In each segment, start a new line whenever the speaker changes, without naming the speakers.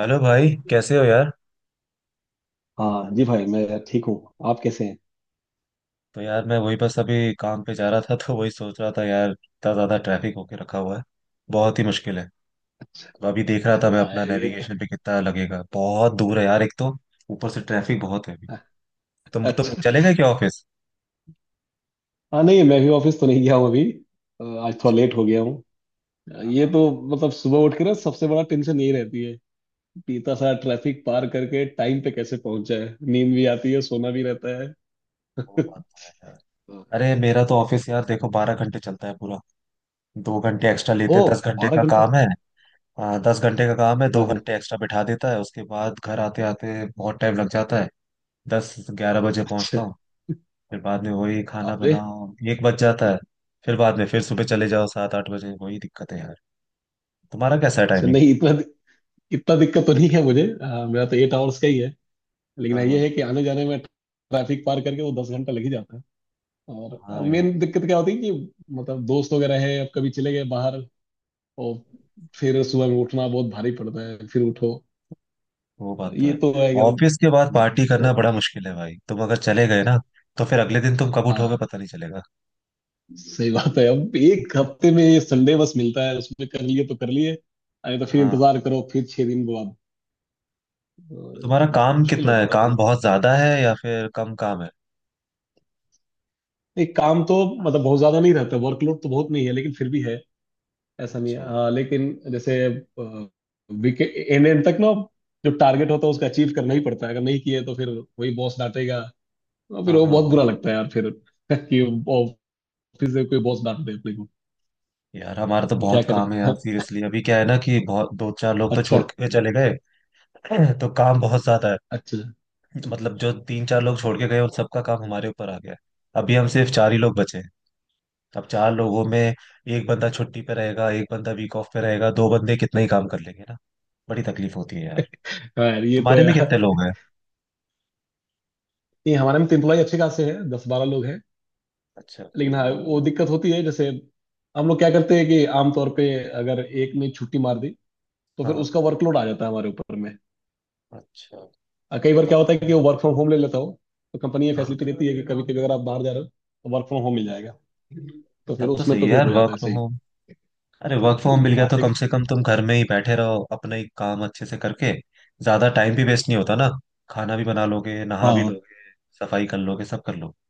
Hello भाई, कैसे हो यार?
हाँ जी भाई मैं ठीक हूँ। आप कैसे हैं?
तो यार, मैं वही बस अभी काम पे जा रहा था, तो वही सोच रहा था यार, इतना ज्यादा ट्रैफिक होके रखा हुआ है। बहुत ही मुश्किल है। तो अभी देख रहा था मैं
आया
अपना
ये।
नेविगेशन पे कितना लगेगा, बहुत दूर है यार। एक तो ऊपर से ट्रैफिक बहुत है अभी। तुम
अच्छा।
चलेगा क्या ऑफिस?
हाँ, नहीं मैं भी ऑफिस तो नहीं गया हूँ अभी। आज थोड़ा लेट हो गया हूँ। ये
हाँ,
तो मतलब सुबह उठ के ना सबसे बड़ा टेंशन यही रहती है कि इतना सारा ट्रैफिक पार करके टाइम पे कैसे पहुंच जाए। नींद भी आती है सोना भी रहता है।
वो बात तो है यार।
अ,
अरे मेरा तो ऑफिस यार देखो 12 घंटे चलता है पूरा। 2 घंटे एक्स्ट्रा लेते
ओ,
हैं, 10 घंटे
बारह
का
घंटे
काम है। हाँ, 10 घंटे का काम है, दो
हाँ हाँ।
घंटे एक्स्ट्रा बिठा देता है। उसके बाद घर आते आते बहुत टाइम लग जाता है। 10-11 बजे
अच्छा।
पहुंचता हूँ। फिर बाद में वही खाना
बाप रे।
बनाओ, 1 बज जाता है। फिर बाद में फिर सुबह चले जाओ 7-8 बजे, वही दिक्कत है यार। तुम्हारा कैसा है
अच्छा,
टाइमिंग?
नहीं इतना इतना दिक्कत तो नहीं है मुझे। मेरा तो 8 आवर्स का ही है। लेकिन ये
हाँ।
है कि आने जाने में ट्रैफिक पार करके वो 10 घंटा लग ही जाता है। और
हाँ यार,
मेन दिक्कत क्या होती है कि मतलब दोस्त वगैरह है, अब कभी चले गए बाहर, और फिर सुबह में उठना बहुत भारी पड़ता है फिर उठो।
वो बात तो
ये
है।
तो है, अगर
ऑफिस के बाद पार्टी करना
तो।
बड़ा मुश्किल है भाई, तुम अगर चले गए ना तो फिर अगले दिन तुम कब
हाँ
उठोगे पता नहीं चलेगा।
सही बात है, अब एक हफ्ते में ये संडे बस मिलता है, उसमें कर लिए तो कर लिए। अरे तो फिर
हाँ।
इंतजार करो फिर 6 दिन बाद।
तो
तो
तुम्हारा काम
मुश्किल हो
कितना है?
जाता है थोड़ा।
काम बहुत ज्यादा है या फिर कम काम है?
एक काम तो मतलब बहुत ज्यादा नहीं रहता, वर्कलोड तो बहुत नहीं है लेकिन फिर भी है। ऐसा नहीं है,
अच्छा।
हाँ लेकिन जैसे विकेट एन एन तक ना जो टारगेट होता है उसका अचीव करना ही पड़ता है। अगर नहीं किए तो फिर वही बॉस डांटेगा, और
हाँ
फिर वो
हाँ
बहुत
हाँ।
बुरा लगता है यार। फिर कि ऑफिस से कोई बॉस डांट दे अपने को,
यार हमारा तो
क्या
बहुत
करे।
काम है यार, सीरियसली। अभी क्या है ना, कि बहुत दो चार लोग तो
अच्छा।
छोड़ के चले गए। तो काम बहुत ज्यादा है।
अच्छा।
मतलब जो तीन चार लोग छोड़
हाँ
के गए उन सबका काम हमारे ऊपर आ गया है। अभी हम सिर्फ चार ही लोग बचे हैं। अब चार लोगों में एक बंदा छुट्टी पे रहेगा, एक बंदा वीक ऑफ पे रहेगा, दो बंदे कितना ही काम कर लेंगे ना? बड़ी तकलीफ होती है यार।
हाँ यार ये तो
तुम्हारे में कितने
यार।
लोग हैं?
नहीं, हमारे में तो इम्प्लॉय अच्छे खासे हैं, 10-12 लोग हैं।
अच्छा।
लेकिन हाँ, वो दिक्कत होती है, जैसे हम लोग क्या करते हैं कि आमतौर पे अगर एक ने छुट्टी मार दी तो फिर
हाँ।
उसका वर्कलोड आ जाता है हमारे ऊपर में।
अच्छा।
कई बार क्या
तब
होता है
तो
कि
यार,
वो वर्क फ्रॉम होम ले लेता हो, तो कंपनी ये
हाँ,
फैसिलिटी देती है कि कभी कभी अगर आप बाहर जा रहे हो तो वर्क फ्रॉम होम मिल जाएगा। तो फिर
तब तो
उसमें
सही
तो
है
फिर
यार
हो
वर्क
जाता है
फ्रॉम
सही।
होम। अरे वर्क फ्रॉम होम मिल गया
हाँ
तो कम
लेकिन।
से कम तुम घर में ही बैठे रहो अपना ही काम अच्छे से करके, ज्यादा टाइम भी वेस्ट नहीं होता ना। खाना भी बना लोगे, नहा भी
हाँ
लोगे, सफाई कर लोगे, सब कर लोगे।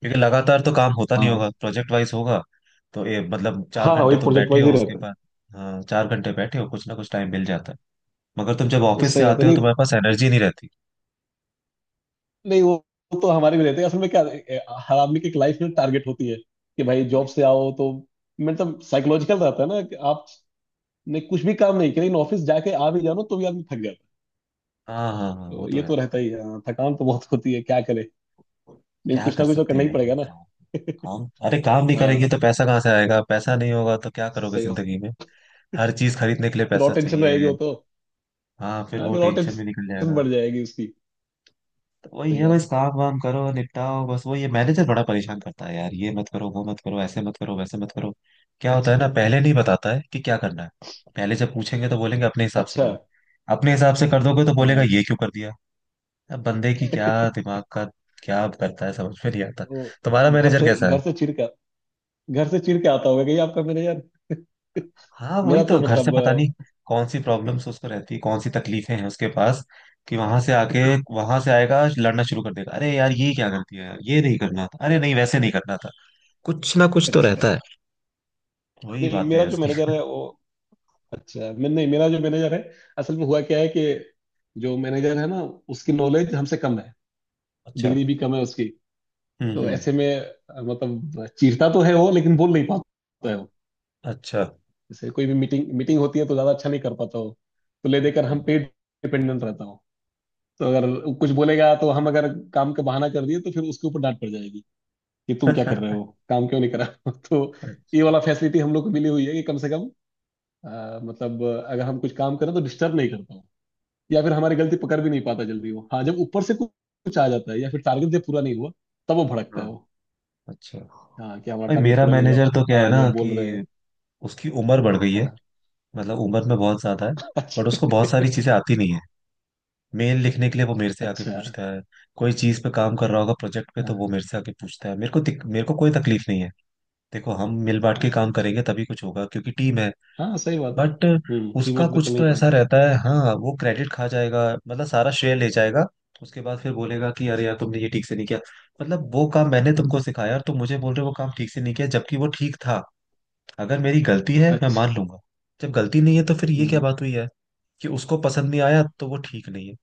क्योंकि लगातार तो काम होता नहीं
हाँ।
होगा, प्रोजेक्ट वाइज होगा। तो ये मतलब चार
हाँ, हाँ
घंटे
वही
तुम
प्रोजेक्ट
बैठे
वाइज
हो
ही
उसके
रहता है।
बाद। हाँ, 4 घंटे बैठे हो, कुछ ना कुछ टाइम मिल जाता है। मगर तुम जब
तो
ऑफिस से
सही बात है।
आते हो
नहीं,
तुम्हारे पास एनर्जी नहीं रहती।
नहीं वो, वो तो हमारे भी रहते हैं, असल में क्या हर आदमी की एक लाइफ में टारगेट होती है कि भाई जॉब
वही तो।
से आओ तो मतलब साइकोलॉजिकल रहता है ना कि आपने कुछ भी काम नहीं किया लेकिन ऑफिस जाके आ भी जानो तो भी आदमी थक जाता है।
हाँ हाँ हाँ, वो
तो
तो
ये
है।
तो रहता ही है। हाँ, थकान तो बहुत होती है, क्या करे। लेकिन
क्या
कुछ
कर
ना कुछ तो
सकते
करना
हैं
ही
यार।
पड़ेगा ना।
काम काम- अरे काम नहीं करेंगे
हाँ
तो पैसा कहाँ से आएगा? पैसा नहीं होगा तो क्या करोगे
सही।
जिंदगी में? हर चीज खरीदने के लिए
फिर और
पैसा
टेंशन रहेगी
चाहिए।
वो तो।
हाँ, फिर
हाँ,
वो
फिर और
टेंशन में निकल
टेंशन
जाएगा।
बढ़ जाएगी उसकी।
वही
सही
है,
बात
बस
है।
काम वाम करो, निपटाओ, बस वही है। मैनेजर बड़ा परेशान करता है यार, ये मत करो, वो मत करो, ऐसे मत करो, वैसे मत करो। क्या होता है ना, पहले नहीं बताता है कि क्या करना है। पहले जब पूछेंगे तो बोलेंगे अपने हिसाब से
अच्छा
करो। अपने हिसाब से कर दोगे तो बोलेगा
हाँ।
ये क्यों कर दिया। अब बंदे की क्या, दिमाग का क्या करता है, समझ में नहीं आता।
वो
तुम्हारा
घर
मैनेजर
से
कैसा है?
घर से चिढ़ कर घर से चिढ़ के आता होगा कहीं आपका मैनेजर।
हाँ वही
मेरा तो
तो, घर से
मतलब
पता नहीं कौन सी प्रॉब्लम्स उसको रहती, कौन सी तकलीफें हैं उसके पास, कि वहां से आके, वहां से आएगा लड़ना शुरू कर देगा, अरे यार ये क्या गलती है यार, ये नहीं करना था, अरे नहीं वैसे नहीं करना था। कुछ ना कुछ तो
अच्छा।
रहता है। वही
नहीं,
बातें
मेरा
हैं
जो
उसकी।
मैनेजर है वो अच्छा। मैं नहीं, मेरा जो मैनेजर है असल में हुआ क्या है कि जो मैनेजर है ना, उसकी नॉलेज हमसे कम है,
अच्छा।
डिग्री भी कम है उसकी। तो
हम्म।
ऐसे में मतलब चीरता तो है वो लेकिन बोल नहीं पाता है।
अच्छा।
जैसे कोई भी मीटिंग मीटिंग होती है तो ज्यादा अच्छा नहीं कर पाता हूँ, तो ले देकर
हम्म
हम पे डिपेंडेंट रहता हूँ। तो अगर कुछ बोलेगा तो हम अगर काम का बहाना कर दिए तो फिर उसके ऊपर डांट पड़ जाएगी कि तुम क्या
हम्म।
कर रहे हो, काम क्यों नहीं करा। तो ये
अच्छा।
वाला फैसिलिटी हम लोग को मिली हुई है कि कम से कम मतलब अगर हम कुछ काम करें तो डिस्टर्ब नहीं करता हूँ, या फिर हमारी गलती पकड़ भी नहीं पाता जल्दी वो। हाँ, जब ऊपर से कुछ कुछ आ जाता है या फिर टारगेट जब पूरा नहीं हुआ तब वो भड़कता है वो।
अच्छा।
हाँ कि हमारा
भाई
टारगेट
मेरा
पूरा नहीं हुआ।
मैनेजर तो क्या
हाँ,
है ना,
हमें बोल रहे
कि
हैं।
उसकी उम्र बढ़ गई है।
हाँ।
मतलब उम्र में बहुत ज्यादा है। बट
अच्छा।
उसको बहुत सारी चीजें आती नहीं है। मेल लिखने के लिए वो मेरे से आके
अच्छा।
पूछता है। कोई चीज पे काम कर रहा होगा, प्रोजेक्ट पे, तो वो
हाँ,
मेरे से आके पूछता है। मेरे को कोई तकलीफ नहीं है। देखो हम मिल बांट के काम करेंगे तभी कुछ होगा, क्योंकि टीम है।
हाँ सही बात है।
बट
हम्म, टीम
उसका
वर्क तो
कुछ
करना ही
तो ऐसा
पड़ेगा।
रहता है, हाँ वो क्रेडिट खा जाएगा। मतलब सारा श्रेय ले जाएगा। उसके बाद फिर बोलेगा कि अरे यार तुमने ये ठीक से नहीं किया। मतलब वो काम मैंने तुमको सिखाया और तुम मुझे बोल रहे हो वो काम ठीक से नहीं किया, जबकि वो ठीक था। अगर मेरी गलती है मैं
अच्छा।
मान लूंगा। जब गलती नहीं है तो फिर ये क्या
हम्म।
बात हुई है कि उसको पसंद नहीं आया तो वो ठीक नहीं है?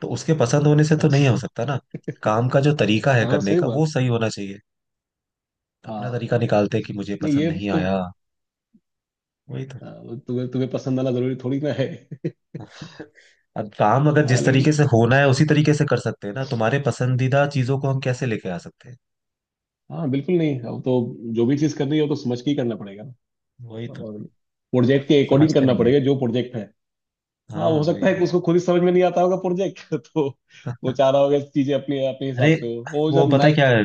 तो उसके पसंद होने से तो
अच्छा।
नहीं हो सकता ना। काम का जो तरीका है
हाँ
करने
सही
का वो
बात।
सही होना चाहिए। अपना
हाँ,
तरीका निकालते हैं कि मुझे
नहीं
पसंद
ये
नहीं
तो।
आया। वही तो।
हाँ, तुम्हें तुम्हें पसंद आना जरूरी थोड़ी ना है।
अब काम अगर
हाँ
जिस तरीके
लेकिन
से होना है उसी तरीके से कर सकते हैं ना, तुम्हारे पसंदीदा चीजों को हम कैसे लेके आ सकते हैं।
हाँ बिल्कुल। नहीं, अब तो जो भी चीज़ करनी है वो तो समझ के ही करना पड़ेगा,
वही तो।
और
कुछ
प्रोजेक्ट के
लोग
अकॉर्डिंग
समझते
करना
नहीं है।
पड़ेगा जो प्रोजेक्ट है। हाँ,
हाँ
हो सकता
वही
है कि
वही।
उसको खुद ही समझ में नहीं आता होगा प्रोजेक्ट। तो वो चाह रहा होगा चीजें अपने अपने हिसाब
अरे
से हो, वो जब
वो पता है
नए।
क्या है,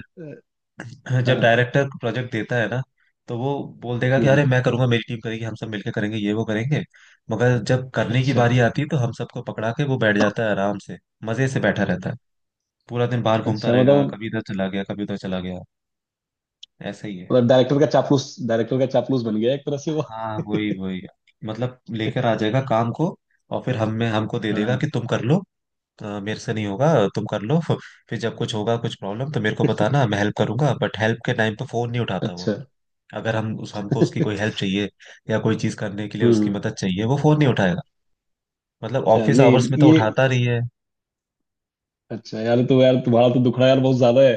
हाँ
जब
हाँ।
डायरेक्टर प्रोजेक्ट देता है ना, तो वो बोल देगा कि
हम्म।
अरे मैं करूंगा, मेरी टीम करेगी, हम सब मिलके करेंगे, ये वो करेंगे। मगर जब करने की
अच्छा।
बारी आती है तो हम सबको पकड़ा के वो बैठ जाता है आराम से। मजे से बैठा रहता है, पूरा दिन बाहर घूमता
अच्छा
रहेगा,
मतलब
कभी इधर चला गया कभी उधर चला गया। ऐसा ही है।
मतलब डायरेक्टर का चापलूस बन गया एक तरह से वो।
हाँ वही वही, मतलब लेकर आ जाएगा काम को। और फिर हम में हमको दे
हाँ
देगा कि
हाँ।
तुम कर लो। मेरे से नहीं होगा, तुम कर लो, फिर जब कुछ होगा, कुछ प्रॉब्लम, तो मेरे को बताना, मैं हेल्प करूंगा। बट हेल्प के टाइम पे फोन नहीं उठाता वो।
अच्छा।
अगर हम उस हमको उसकी कोई हेल्प चाहिए या कोई चीज करने के लिए उसकी
हम्म।
मदद चाहिए, वो फोन नहीं उठाएगा। मतलब
अच्छा,
ऑफिस
नहीं
आवर्स में तो
ये।
उठाता नहीं है।
अच्छा यार, तो यार तुम्हारा तो दुखड़ा यार बहुत ज्यादा है।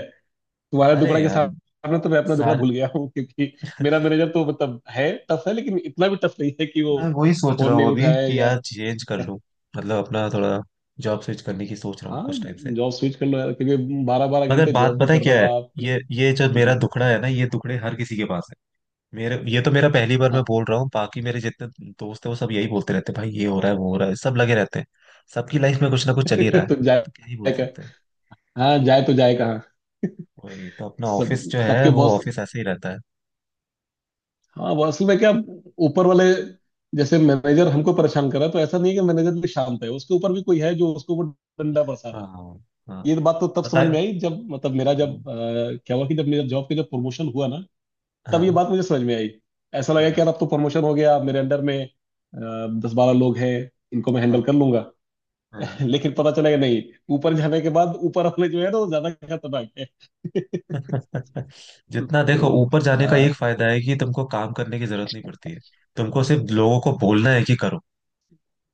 तुम्हारा
अरे
दुखड़ा के
यार,
सामने तो मैं अपना दुखड़ा
सार,
भूल गया हूँ, क्योंकि मेरा मैनेजर तो मतलब है टफ है लेकिन इतना भी टफ नहीं है कि वो
मैं वही सोच रहा
फोन
हूँ
नहीं
अभी
उठाए
कि
या।
यार चेंज कर लूँ, मतलब अपना थोड़ा जॉब स्विच करने की सोच रहा हूँ
हाँ
कुछ टाइम से।
जॉब स्विच कर लो यार, क्योंकि बारह बारह
मगर
घंटे
बात
जॉब भी
पता है
कर रहे
क्या
हो
है,
आप,
ये
प्लस।
ये जो मेरा
हम्म,
दुखड़ा है ना, ये दुखड़े हर किसी के पास है। मेरे, ये तो मेरा पहली बार मैं
हाँ।
बोल रहा हूँ, बाकी मेरे जितने दोस्त हैं वो सब यही बोलते रहते हैं, भाई ये हो रहा है वो हो रहा है, सब लगे रहते हैं। सबकी लाइफ में कुछ ना कुछ चल ही रहा है।
तो
तो क्या ही बोल
जाए का?
सकते हैं?
हाँ, जाए तो जाए कहाँ।
वही तो, अपना ऑफिस
सब
जो है
सबके
वो
बॉस।
ऑफिस ऐसे ही रहता है।
हाँ, वो असल में क्या ऊपर वाले जैसे मैनेजर हमको परेशान कर रहा है, तो ऐसा नहीं है कि मैनेजर भी शांत है, उसके ऊपर भी कोई है जो उसको वो डंडा बरसा रहा है।
हाँ हाँ।
ये बात तो तब
पता
समझ
है।
में आई जब मतलब मेरा जब क्या हुआ कि जब मेरा जॉब का जब प्रमोशन हुआ ना तब ये
हाँ।
बात मुझे समझ में आई। ऐसा लगा कि
हम्म,
यार अब तो प्रमोशन हो गया, मेरे अंडर में 10-12 लोग हैं, इनको मैं
हाँ
हैंडल कर लूंगा।
हाँ।
लेकिन पता चला कि नहीं, ऊपर जाने के बाद ऊपर वाले जो है ना वो ज्यादा खतरनाक है।
जितना देखो
तो
ऊपर जाने का एक
हाँ।
फायदा है कि तुमको काम करने की जरूरत नहीं पड़ती है। तुमको सिर्फ लोगों को बोलना है कि करो,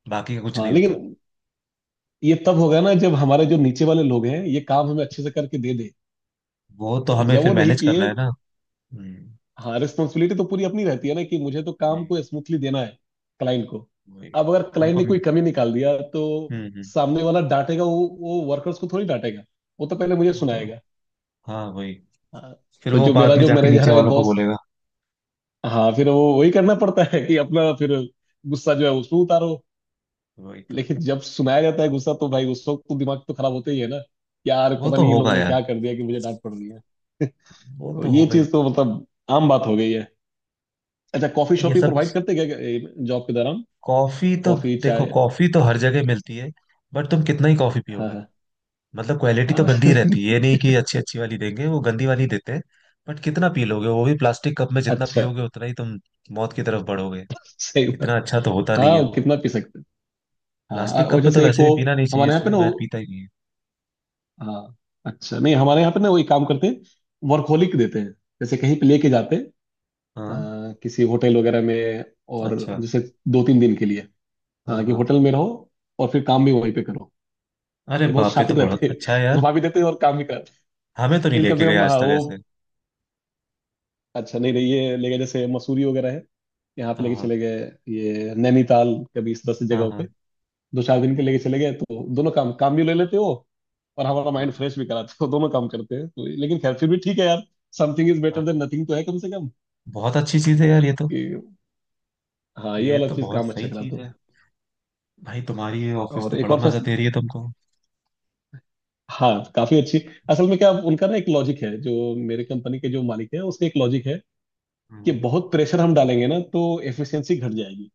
बाकी का कुछ
हाँ
नहीं होता।
लेकिन ये तब होगा ना जब हमारे जो नीचे वाले लोग हैं ये काम हमें अच्छे से करके दे दे,
वो तो हमें
जब वो
फिर
नहीं
मैनेज करना
किए।
है ना। हम्म,
हाँ रिस्पॉन्सिबिलिटी तो पूरी अपनी रहती है ना कि मुझे तो काम
वही।
को स्मूथली देना है क्लाइंट को।
वही
अब अगर क्लाइंट
हमको।
ने कोई कमी निकाल दिया तो
हम्म।
सामने वाला डांटेगा, वो वर्कर्स को थोड़ी डांटेगा, वो तो पहले मुझे
वो तो,
सुनाएगा।
हाँ वही।
हाँ
फिर
तो
वो
जो
बाद
मेरा
में
जो
जाके
मैनेजर
नीचे
है
वालों को
बॉस,
बोलेगा।
हाँ फिर वो वही करना पड़ता है कि अपना फिर गुस्सा जो है उसमें उतारो।
वही तो।
लेकिन जब सुनाया जाता है गुस्सा, तो भाई उस वक्त तो दिमाग तो खराब होते ही है ना, यार
वो
पता
तो
नहीं इन लोगों
होगा
ने
यार।
क्या कर दिया कि मुझे डांट पड़ रही है।
वो
तो
तो
ये
होगा ही।
चीज तो मतलब आम बात हो गई है। अच्छा, कॉफी
ये
शॉप ही
सब,
प्रोवाइड करते क्या जॉब के दौरान?
कॉफी तो,
कॉफी
देखो
चाय?
कॉफी तो हर जगह मिलती है। बट तुम कितना ही कॉफी
हाँ
पियोगे,
हाँ
मतलब क्वालिटी तो
हाँ।
गंदी रहती है। ये नहीं कि अच्छी अच्छी वाली देंगे, वो गंदी वाली देते हैं। बट कितना पी लोगे, वो भी प्लास्टिक कप में, जितना
अच्छा।
पियोगे उतना ही तुम मौत की तरफ बढ़ोगे।
सही बात।
इतना अच्छा तो होता नहीं
हाँ
है
वो
वो।
कितना पी सकते हैं। हाँ,
प्लास्टिक
और
कप में तो
जैसे एक
वैसे भी
वो
पीना नहीं चाहिए,
हमारे यहाँ पे
इसलिए
ना
मैं
वो।
पीता ही नहीं
हाँ अच्छा, नहीं हमारे यहाँ पे ना वो एक काम करते हैं, वर्कहोलिक देते हैं, जैसे कहीं पे लेके जाते हैं
हूँ। हाँ।
किसी होटल वगैरह में, और
अच्छा।
जैसे 2-3 दिन के लिए,
हाँ
हाँ कि
हाँ।
होटल में रहो और फिर काम भी वहीं पे करो।
अरे
ये बहुत
बाप रे, तो
शातिर
बहुत
रहते हैं
अच्छा है यार।
घुमा भी देते हैं और काम भी कराते हैं।
हमें तो नहीं
लेकिन कम
लेके
से
गए
कम
आज
हाँ
तक ऐसे।
वो। अच्छा, नहीं नहीं ये लेके जैसे मसूरी वगैरह है, यहाँ पे
हाँ
लेके
हाँ।
चले गए, ये नैनीताल, कभी इस तरह से
हाँ
जगहों पे
हाँ।
2-4 दिन के लेके चले गए, तो दोनों काम काम भी ले लेते हो और हमारा माइंड
हम्म,
फ्रेश भी कराते हो। दोनों काम करते हैं तो। लेकिन खैर फिर भी ठीक है यार, समथिंग इज
हाँ
बेटर
हाँ।
देन नथिंग तो है कम से कम।
बहुत अच्छी चीज है यार ये तो।
कि हाँ, ये
ये
वाला
तो
चीज
बहुत
काम अच्छा
सही
कराते
चीज
हो।
है। भाई तुम्हारी ये ऑफिस
और
तो
एक
बड़ा
और
मजा
फेस्ट।
दे रही है तुमको।
हाँ काफी अच्छी, असल में क्या उनका ना एक लॉजिक है, जो मेरे कंपनी के जो मालिक है उसका एक लॉजिक है कि
हम्म,
बहुत प्रेशर हम डालेंगे ना तो एफिशिएंसी घट जाएगी,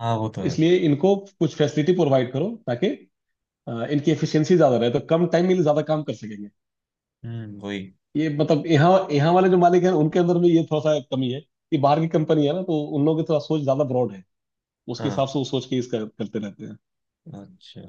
हाँ, वो तो है।
इसलिए इनको कुछ फैसिलिटी प्रोवाइड करो ताकि इनकी एफिशिएंसी ज्यादा रहे तो कम टाइम में ज्यादा काम कर सकेंगे।
हम्म, वही।
ये मतलब यहाँ यहाँ वाले जो मालिक हैं उनके अंदर में ये थोड़ा सा कमी है कि बाहर की कंपनी है ना तो उन लोगों की थोड़ा सोच ज्यादा ब्रॉड है, उसके
हाँ।
हिसाब से वो सोच के इसका करते रहते हैं।
अच्छा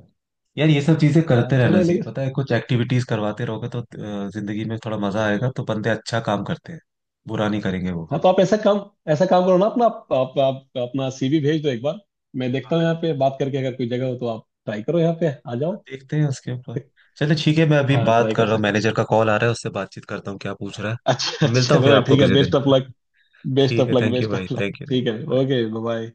यार, ये सब चीजें
हाँ
करते रहना
चलो
चाहिए,
लेकिन।
पता है, कुछ एक्टिविटीज करवाते रहोगे तो जिंदगी में थोड़ा मजा आएगा, तो बंदे अच्छा काम करते हैं, बुरा नहीं करेंगे वो
हाँ
फिर।
तो आप ऐसा काम करो ना अपना आप अपना सीवी भेज दो एक बार, मैं देखता हूँ यहाँ पे बात करके, अगर कोई जगह हो तो आप ट्राई करो यहाँ पे आ जाओ।
देखते हैं उसके ऊपर। चलिए ठीक है, मैं अभी
हाँ,
बात
ट्राई
कर
कर
रहा हूँ,
सकते हैं।
मैनेजर का कॉल आ रहा है, उससे बातचीत करता हूँ क्या पूछ रहा है।
अच्छा
मिलता हूँ
चलो
फिर आपको
ठीक है,
किसी दिन।
Best of luck. बेस्ट
ठीक
ऑफ
है,
लक।
थैंक यू
बेस्ट
भाई,
of luck.
Thank you, thank
ठीक है
यू, बाय।
Okay bye.